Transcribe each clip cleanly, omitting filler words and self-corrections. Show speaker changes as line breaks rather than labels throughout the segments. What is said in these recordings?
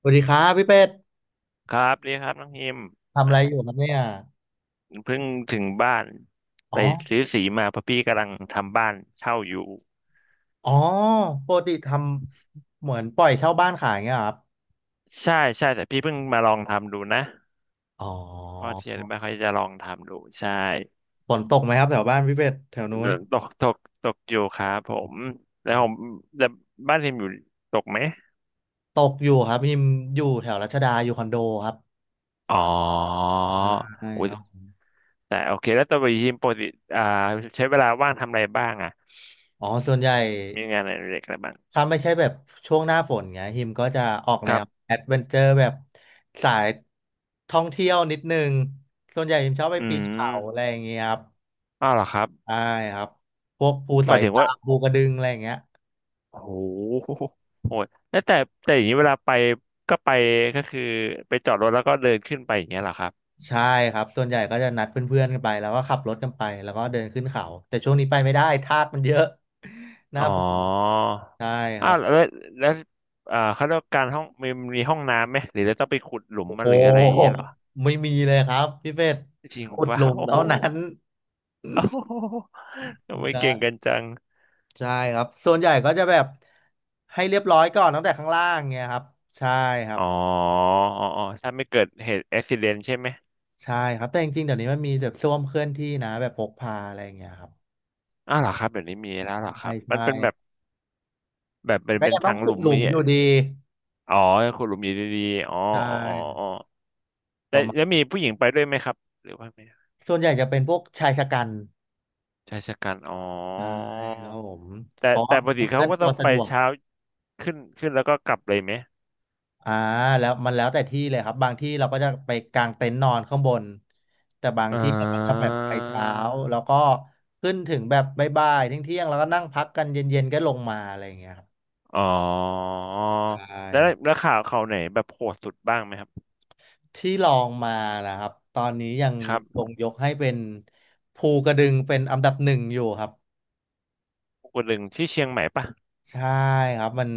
สวัสดีครับพี่เป็ด
ครับดีครับน้องฮิม
ทำอะ
อ่ะ
ไรอยู่ครับเนี่ย
เพิ่งถึงบ้าน
อ๋
ไป
อ
ซื้อสีมาเพราะพี่กำลังทำบ้านเช่าอยู่
อ๋อปกติทำเหมือนปล่อยเช่าบ้านขายเงี้ยเหรอครับ
ใช่แต่พี่เพิ่งมาลองทำดูนะ
อ๋อ
เพราะเทียนไม่ค่อยจะลองทำดูใช่
ฝนตกไหมครับแถวบ้านพี่เป็ดแถวนู้น
ตกตกตกอยู่ครับผมแล้
อ๋
ว
อ
ผมแต่บ้านฮิมอยู่ตกไหม
ตกอยู่ครับพิมอยู่แถวรัชดาอยู่คอนโดครับ
อ๋อ
ใช่
โอ้
ค
ย
รับ
แต่โอเคแล้วตัวฮิมปกติอ่าใช้เวลาว่างทำอะไรบ้างอ่ะ
อ๋อส่วนใหญ่
มีงานอะไรเล็กอะไรบ้าง
ถ้าไม่ใช่แบบช่วงหน้าฝนเงี้ยฮิมก็จะออก
ค
แน
รั
ว
บ
แอดเวนเจอร์แบบสายท่องเที่ยวนิดนึงส่วนใหญ่ฮิมชอบไป
อื
ปีนเขาอะไร
ม
อย่างเงี้ยครับ
อ้าวเหรอครับ
ใช่ครับพวกภูส
ห
อ
มา
ย
ยถึง
ดา
ว่า
วภูกระดึงอะไรอย่างเงี้ย
โอ้โหโหดแล้วแต่แต่อย่างนี้เวลาไปก็ไปก็คือไปจอดรถแล้วก็เดินขึ้นไปอย่างเงี้ยเหรอครับ
ใช่ครับส่วนใหญ่ก็จะนัดเพื่อนๆกันไปแล้วก็ขับรถกันไปแล้วก็เดินขึ้นเขาแต่ช่วงนี้ไปไม่ได้ทากมันเยอะ หน้า
อ๋อ
ฝนใช่ค
อ้า
รั
ว
บ
แล้วแล้วอ่าเขาเรียกว่าการห้องมีห้องน้ำไหมหรือเราต้องไปขุดหลุม
โอ้โ
มาหรืออะไรอย่าง
ห
เงี้ยเหรอ
ไม่มีเลยครับพี่เป็ด
จริง
ขุด
ปะ
หลุม
โอ้โห
เท่านั้น
โอ้โห ทำไมเก่งกัน
ใช่
จัง
ใช่ครับส่วนใหญ่ก็จะแบบให้เรียบร้อยก่อนตั้งแต่ข้างล่างเงี้ยครับใช่ครั
อ๋
บ
ออ๋ออ๋อถ้าไม่เกิดเหตุอุบิเหตุใช่ไหม
ใช่ครับแต่จริงๆเดี๋ยวนี้มันมีแบบส้วมเคลื่อนที่นะแบบพกพาอะไรอย่างเงี้ยครับ
อ้าวเหรอครับเดี๋ยวนี้มีแล้ว
ใช
เหรอค
่
รับมั
ใช่
นเป็นแบบแบบเป็น
ก็ยังต้อ
ทา
ง
งห
ขุ
ลุ
ด
ม
หลุ
นี่า
ม
งเงี้
อ
ย
ยู่ดี
อ๋อขุดหลุมอยู่ดีๆอ๋อ
ใช
อ๋ออ๋อ
่
อ๋อ แล้วมีผู้หญิงไปด้วยไหมครับหรือว่าไม่
ส่วนใหญ่จะเป็นพวกชายชะกัน
ชายชะกันอ๋อ
ใช่ครับผมเพ
แต่
ราะว่า
แต่ป
มั
ก
น
ติ
เค
เขา
ลื่อน
ก็
ตั
ต้อ
ว
ง
สะ
ไป
ดวก
เช้าขึ้นแล้วก็กลับเลยไหม
อ่าแล้วแต่ที่เลยครับบางที่เราก็จะไปกางเต็นท์นอนข้างบนแต่บาง
อ่
ที่เราก็จะแบบ
า
ไปเช้าแล้วก็ขึ้นถึงแบบบ่ายๆเที่ยงๆแล้วก็นั่งพักกันเย็นๆก็ลงมาอะไรอย่างเงี้ยครับ
อ๋อ
ใช่
แล้ว
ครับ
แล้วข่าวเขาไหนแบบโหดสุดบ้างไหมครับ
ที่ลองมานะครับตอนนี้ยัง
ครั
ค
บ
งยกให้เป็นภูกระดึงเป็นอันดับหนึ่งอยู่ครับ
ภูกระงที่เชียงใหม่ปะ
ใช่ครับมัน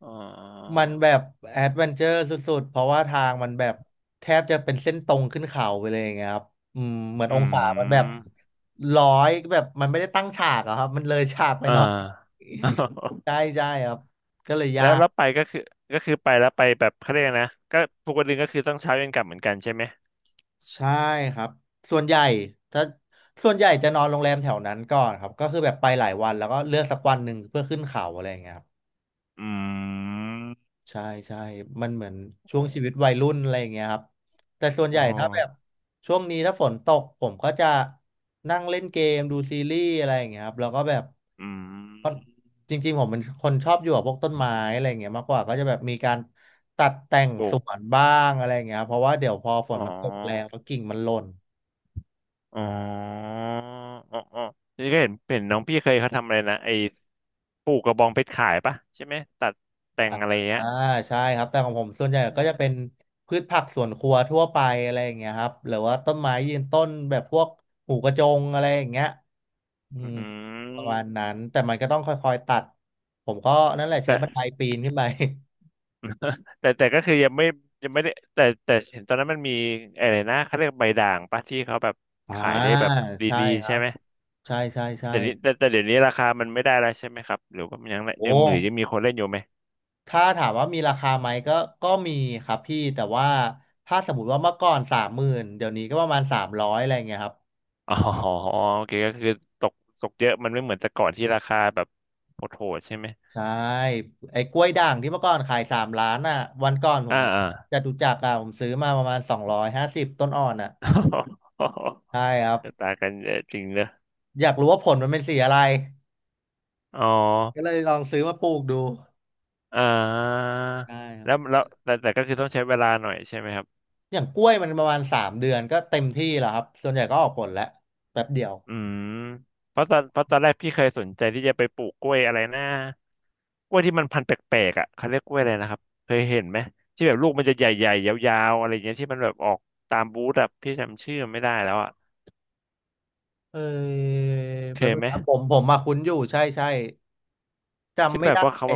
อ๋อ
มันแบบแอดเวนเจอร์สุดๆเพราะว่าทางมันแบบแทบจะเป็นเส้นตรงขึ้นเขาไปเลยอย่างเงี้ยครับเหมือน
อื
องศามันแบบ
ม
ร้อยแบบมันไม่ได้ตั้งฉากอะครับมันเลยฉากไป
อ่า
หน่อย ใช่ใช่ครับก็เลย ยา
แล้ว
ก
แล้วไปก็คือก็คือไปแล้วไปแบบเขาเรียกนะก็ภูกระก็คือต้องเช้าเย็นกลับเหมือนกันใช่ไหม
ใช่ครับส่วนใหญ่ถ้าส่วนใหญ่จะนอนโรงแรมแถวนั้นก่อนครับก็คือแบบไปหลายวันแล้วก็เลือกสักวันหนึ่งเพื่อขึ้นเขาอะไรอย่างเงี้ยครับ
อืม
ใช่ใช่ มันเหมือนช่วงชีวิตวัยรุ่นอะไรอย่างเงี้ยครับแต่ส่วนให
โอ้
ญ่ถ้าแบบช่วงนี้ถ้าฝนตกผมก็จะนั่งเล่นเกมดูซีรีส์อะไรอย่างเงี้ยครับแล้วก็แบบ
อื
ก็
ม
จริงๆผมเป็นคนชอบอยู่กับพวกต้นไม้อะไรอย่างเงี้ยมากกว่าก็จะแบบมีการตัดแต่ง
ปลู
ส
ก
วนบ้างอะไรอย่างเงี้ยครับเพราะว่าเดี๋ยวพอฝ
อ๋
นมันตกแรง
อ
แล้วกิ่งมันหล่น
อ๋ออ๋ออ๋อนี่ก็เห็นน้องพี่เคยเขาทำอะไรนะไอ้ปลูกกระบองเพชรขายปะใช่ไหมตัดแต่
อ
งอะไรเงี้ย
่าใช่ครับแต่ของผมส่วนใหญ่
เอ
ก็
อ
จะเป็นพืชผักสวนครัวทั่วไปอะไรอย่างเงี้ยครับหรือว่าต้นไม้ยืนต้นแบบพวกหมูกระจงอะไรอย่างเงี้ยอื
อื
มประมาณ
ม
นั้นแต่มันก็ต้องค่อยๆตัดผมก็นั่นแหละใช้
แต่
บันไดปีนขึ้นไป
แต่ก็คือยังไม่ยังไม่ได้แต่เห็นตอนนั้นมันมีอะไรนะเขาเรียกใบด่างปะที่เขาแบบ
อ่า
ขายได้แบบ
ใช่
ดี
ค
ๆ
รั
ใช่
บ
ไหม
ใช่ใช่ใช่
แต่นี้แต่เดี๋ยวนี้ราคามันไม่ได้แล้วใช่ไหมครับหรือว่ามันยัง
โอ้
ยังหรือยังมีคนเล่นอยู่ไหม
ถ้าถามว่ามีราคาไหมก็ก็มีครับพี่แต่ว่าถ้าสมมติว่าเมื่อก่อน30,000เดี๋ยวนี้ก็ประมาณ300อะไรเงี้ยครับ
อ๋อโอเคก็คือตกเยอะมันไม่เหมือนแต่ก่อนที่ราคาแบบโหดๆใช่ไหม
ใช่ไอ้กล้วยด่างที่เมื่อก่อนขาย3,000,000อ่ะวันก่อนผ
อ่า
ม
อ่า
จตุจักรอ่ะผมซื้อมาประมาณ250ต้นอ่อนอ่ะใช่ครับ
ต่างกันเยอะจริงเลยอ
อยากรู้ว่าผลมันเป็นสีอะไร
อ๋อ
ก็เลยลองซื้อมาปลูกดู
อ่า
ใช่ครับ
แล้วแล้วแต่แต่ก็คือต้องใช้เวลาหน่อยใช่ไหมครับ
อย่างกล้วยมันประมาณ3 เดือนก็เต็มที่แล้วครับส่วนใหญ่ก็ออกผลแล้วแป๊บเดียว
อืม เพราะตอนเพราะตอนแรกพี่เคยสนใจที่จะไปปลูกกล้วยอะไรนะกล้วยที่มันพันธุ์แปลกๆอ่ะเขาเรียกกล้วยอะไรนะครับเคยเห็นไหมที่แบบลูกมันจะใหญ่ๆยาวๆอะไรอย่างเงี้ยที่มันแบบออกตามบูธอ่ะพี่จำชื่อไม่ได้แล้วอ่ะ
เออ
เค
แป๊บ
ย
นึง
ไหม
ครับผมมาคุ้นอยู่ใช่ใช่
ที่
จำไม่
แบบ
ได้
ว่าเขา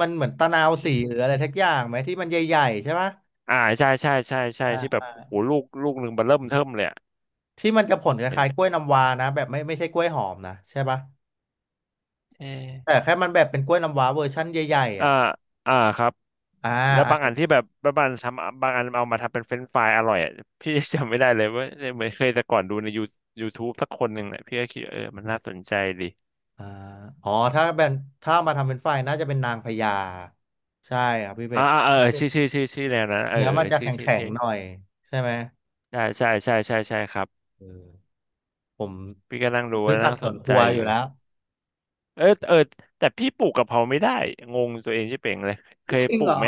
มันเหมือนตะนาวสี
ที่
หรืออะไรทักอย่างไหมที่มันใหญ่ๆใช่ปะ
ใช่
อ่
ที่แบบโอ้โห
า
ลูกหนึ่งมบเริ่มเทิ่มเลยอะ
ที่มันจะผลค
เห็น
ล้ายๆกล้วยน้ำว้านะแบบไม่ไม่ใช่กล้วยหอมนะใช่ปะ
เออ
แต่แค่มันแบบเป็นกล้วยน้ำว้าเวอร์ชั่นใหญ่ๆ
อ่า
อ่ะ
อ่าครับ
อ่า
แล้ว
อ่า
บางอันที่แบบบางอันทำบางอันเอามาทำเป็นเฟรนช์ฟรายอร่อยอ่ะ พี่ จำไม่ได้เลยว่าเหมือนเคยแต่ก่อนดูในยูทูบสักคนหนึ่งแหละพี่ก็คิดเออมันน่าสนใจดี
อ่าอ๋อถ้าเป็นถ้ามาทำเป็นไฟน่าจะเป็นนางพญาใช่ครับพี่เป็
อ่า
ด
อ่าเออชื่อแนวนั้นเออ
เนื้อมั
เอ
น
อ
จะ
ชื่อ
แข็ง
เท่
ๆหน่อยใช่ไหม
ใช่ครับ
เออผม
พี่ก็นั่งดูแล
ซื้อผั
นั่
ก
ง
ส
ส
วน
น
ค
ใจ
รัวอ
อ
ยู่
ยู่
แล้ว
เออแต่พี่ปลูกกะเพราไม่ได้งงตัวเองใช่เป่งเลยเคย
จริง
ปลู
เหร
ก
อ
ไหม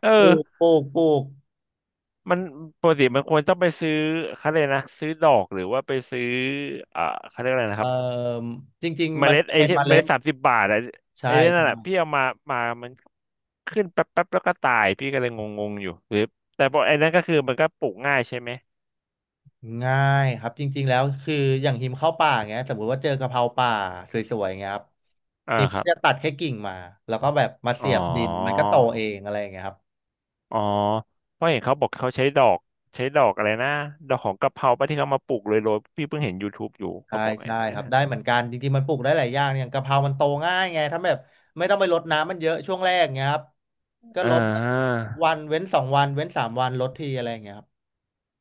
เออ
ปลูกปลูกปลูก
มันปกติมันควรต้องไปซื้อเขาเลยกนะซื้อดอกหรือว่าไปซื้ออ่าเขาเรียกอะไรนะค
เอ่อ
รับ
จริง
เม
ๆมัน
ล็ด
จะ
ไอ้
เป็น
ที่
เม
เม
ล็
ล็
ด
ดสามสิบบาทอะ
ใช่
ไอ้นนั่นแหละพี่เอามามันขึ้นแป๊บแล้วก็ตายพี่ก็เลยงงงอยู่หรือแต่พอไอ้นั่นก็คือมันก็ปลูกง่ายใช่ไหม
ง่ายครับจริงๆแล้วคืออย่างหิมเข้าป่าเงี้ยสมมติว่าเจอกะเพราป่าสวยๆเงี้ยครับ
อ่า
หิม
ค
ก็
รับ
จะตัดแค่กิ่งมาแล้วก็แบบมา
อ๋
เสี
อ
ยบดินมันก็โตเองอะไรอย่างเงี้ยครับ
อ๋อเพราะเห็นเขาบอกเขาใช้ดอกอะไรนะดอกของกะเพราปะที่เขามาปลูกเลยโรยๆพี่เพิ่งเห็นย o ท t บ e อยู่
ใช่
เขาบอกไง
ใช่
นะ
ครับได้เหมือนกันจริงๆมันปลูกได้หลายอย่างอย่างกะเพรามันโตง่ายไงถ้าแบบไม่ต้องไปรดน้ำมันเยอะช่วงแรกเงี้ยครับก็
อ่า
รดวันเว้นสองวันเว้นสามวันรดทีอะไรอย่างเงี้ยครับ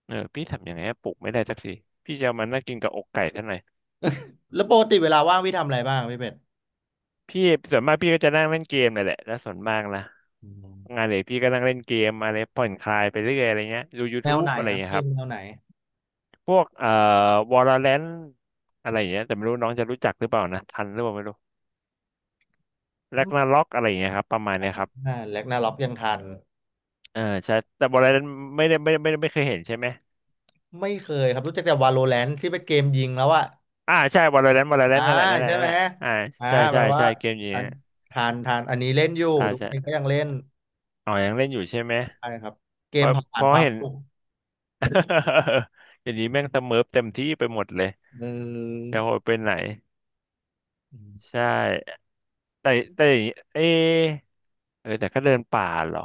เออพี่ทำยังไงให้ปลุกไม่ได้สักทีพี่จะเอามันนั่งกินกับอกไก่เท่าไหร่
แล้วปกติเวลาว่างพี่ทำอะไรบ้างพี่เป็ด
พี่ส่วนมากพี่ก็จะนั่งเล่นเกมนั่นแหละแล้วส่วนมากนะ
อื
งาน
ม
เด็กพี่ก็นั่งเล่นเกมอะไรผ่อนคลายไปเรื่อยอะไรเงี้ยดู
แนว
YouTube
ไหน
อะไร
ครับ
เงี้ย
เก
ค
ม
รั
แน
บ
วไหน
พวกValorant อะไรอย่างเงี้ยแต่ไม่รู้น้องจะรู้จักหรือเปล่านะทันหรือเปล่าไม่รู้
อืม
Ragnarok อะไรอย่างเงี้ยครับประมาณเนี้ยครับ
อ่าแร็กนาร็อกยังทัน
เออใช่แต่ Valorant ไม่ได้ไม่เคยเห็นใช่ไหม
ไม่เคยครับรู้จักแต่ Valorant ที่เป็นเกมยิงแล้วอะ
อ่าใช่ Valorant
อ่า
นั่นแหละนั่นแหละ
ใช่ไห
นั่
ม
นแหละ
ฮะ
อ่า
อ่า
ใช่
แปล
ใช่
ว่า
ใช่เกมนี้
อัน
นะ
ทานอันนี้เล่นอยู่
อ่า
ทุกคนก็
ใช่
ยังเล่น
อ๋อยังเล่นอยู่ใช่ไหม
ใช่ครับเก
เพ
ม
ราะ
ผ่า
เพ
นค
ราะ
วาม
เห็น
สุข
อย่างนี้แม่งสเมิร์ฟเต็มที่ไปหมดเลย
เออ
จะโหดไปไหน
อืม
ใช่แต่แต่อย่างนี้เอะเออแต่ก็เดินป่าเหรอ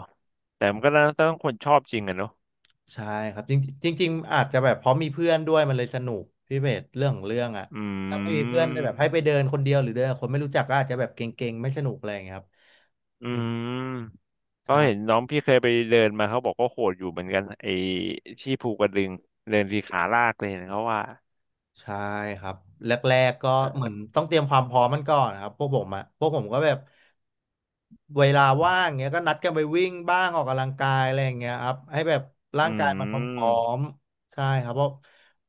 แต่มันก็ต้องคนชอบจริงอะเนาะ
ใช่ครับจริงจริงๆอาจจะแบบเพราะมีเพื่อนด้วยมันเลยสนุกพี่เบสเรื่องของเรื่องอะ
อื
ถ้าไม่มีเพื่อนได้แบบให้ไปเดิ
ม
นคนเดียวหรือเดินกับคนไม่รู้จักก็อาจจะแบบเก่งๆไม่สนุกอะไรอย่างเงี้ยครับ
อื
อืม
มก็เห็น
ใช่
น้องพี่เคยไปเดินมาเขาบอกก็โหดอยู่เหมือนกันไอ้ที่ภูกระดึงเดินทีขาลากเลยเห็นเขาว่า
ใช่ครับแรกๆก็เห
เออ
มือนต้องเตรียมความพร้อมมันก่อนนะครับพวกผมอะพวกผมก็แบบเวลาว่างเงี้ยก็นัดกันไปวิ่งบ้างออกกำลังกายอะไรอย่างเงี้ยครับให้แบบร่าง
อื
กายมันพร้อ
ม
มๆใช่ครับเพราะ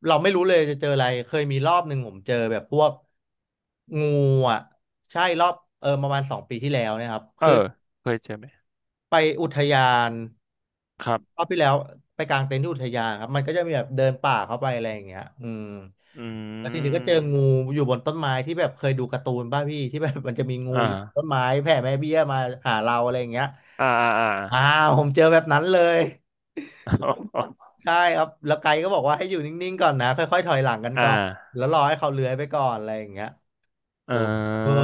เราไม่รู้เลยจะเจออะไรเคยมีรอบหนึ่งผมเจอแบบพวกงูอ่ะใช่รอบเออประมาณ2 ปีที่แล้วเนะครับ
เออเคยเจอไหม
ไปอุทยาน
ครั
รอ
บ
บที่แล้วไปกางเต็นท์ที่อุทยานครับมันก็จะมีแบบเดินป่าเข้าไปอะไรอย่างเงี้ยอืม
อื
แล้วทีนี้ก็เจองู
ม
อยู่บนต้นไม้ที่แบบเคยดูการ์ตูนป่ะพี่ที่แบบมันจะมีงู
อ่า
อยู่บนต้นไม้แผ่แม่เบี้ยมาหาเราอะไรอย่างเงี้ย
อ่าอ่า
อ้าวผมเจอแบบนั้นเลย ใช่ครับแล้วไกด์ก็บอกว่าให้อยู่นิ่งๆก่อนนะค่อยๆถอยหลังกัน
อ่
ก่อน
า
แล้วรอให้เขาเลื้อยไปก่อนอะไรอย่างเงี้ย
อ่
โอ้เออ
า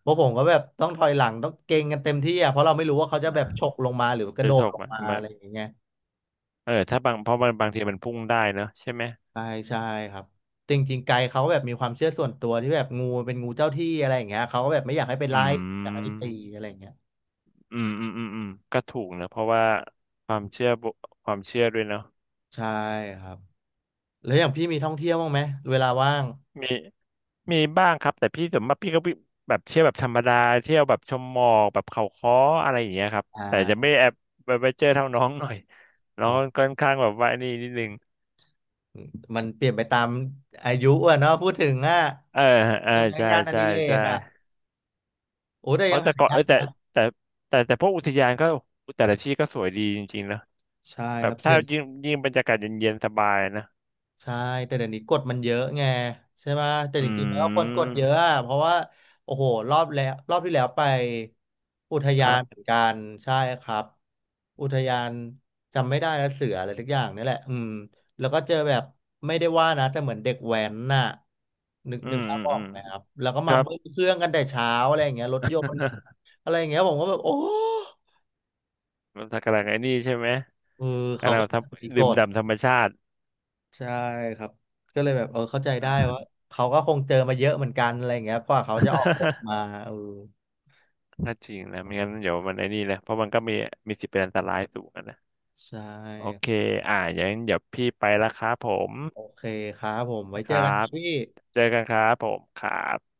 เพราะผมก็แบบต้องถอยหลังต้องเกรงกันเต็มที่อ่ะเพราะเราไม่รู้ว่าเขาจะแบบฉกลงมาหรือกระ
จะ
โด
จ
ด
บ
ล
ไห
ง
ม
มา
มัน
อะไรอย่างเงี้ย
เออถ้าบางเพราะมันบางทีมันพุ่งได้เนอะใช่ไหม
ใช่ใช่ครับจริงๆไกด์เขาแบบมีความเชื่อส่วนตัวที่แบบงูมันเป็นงูเจ้าที่อะไรอย่างเงี้ยเขาก็แบบไม่อยากให้ไป
อื
ไล่อยากให้ไปตี
ม
อะไรอย่างเงี้ย
อืมอืมก็ถูกนะเพราะว่าความเชื่อบุความเชื่อด้วยเนาะ
ใช่ครับแล้วอย่างพี่มีท่องเที่ยวบ้างไหมเวลาว่าง
มีมีบ้างครับแต่พี่ส่วนมากพี่ก็วิแบบเที่ยวแบบธรรมดาเที่ยวแบบชมหมอกแบบเขาค้ออะไรอย่างเงี้ยครับ
อ่
แต่จะไม่
า
แอบไปเจอเท่าน้องหน่อยน้อ
อ๋
ง
อ
ค่อนข้างแบบว่านี่นิดนึง
มันเปลี่ยนไปตามอายุอ่ะเนาะพูดถึงอ่ะ
เออเออ
ใช่ไหม
ใช่
งานอ
ใช่
ดิเร
ใช่
กอ่ะโอ้แต่
เพ
ยั
ราะ
ง
แต่
หา
ก่อนเอ
ยาก
อแต่แต่พวกอุทยานก็แต่ละที่ก็สวยดีจริงๆนะ
ใช่
แบ
ค
บ
รับ
ถ้ายิ่งบรรยากาศเย็นๆสบายนะ
ใช่แต่เดี๋ยวนี้กฎมันเยอะไงใช่ไหมแต่
อื
จริงๆแล้วคนกดเยอะ
ม
อะเพราะว่าโอ้โหรอบแล้วรอบที่แล้วไปอุท
ค
ยา
รั
นเห
บ
มือนกันใช่ครับอุทยานจำไม่ได้แล้วเสืออะไรทุกอย่างนี่แหละอืมแล้วก็เจอแบบไม่ได้ว่านะแต่เหมือนเด็กแว้นน่ะนึก
อื
นึก
ม
ภา
อื
พ
ม
ออ
อื
ก
ม
ไหมครับแล้วก็
ค
มา
รับ
เบิ้ลเครื่องกันแต่เช้าอะไรอย่างเงี้ยรถยนต์ อะไรอย่างเงี้ยผมก็แบบโอ้
มันกำลังไอ้นี่ใช่ไหม
เออเขา
กำลั
ก็
งท
มี
ำ
ก
ดื่ม
ฎ
ด่ำธรรมชาติ
ใช่ครับก็เลยแบบเออเข้าใจได้ว่า
อ่า
เขาก็คงเจอมาเยอะเหมือนกันอะไรอย่างเงี้ยกว่าเขาจะออกกฎ มาเออ
ถ้าจริงนะไม่งั้นเดี๋ยวมันไอ้นี่นะเพราะมันก็มีสิทธิ์เป็นอันตรายสูงอะนะ
ใช
โอ
่
เคอ่าอย่างนั้นเดี๋ยวพี่ไปละครับผม
โอเคครับผมไว้
นะค
เจอ
รั
กันค
บ
รับพี่
เจอกันครับผมครับ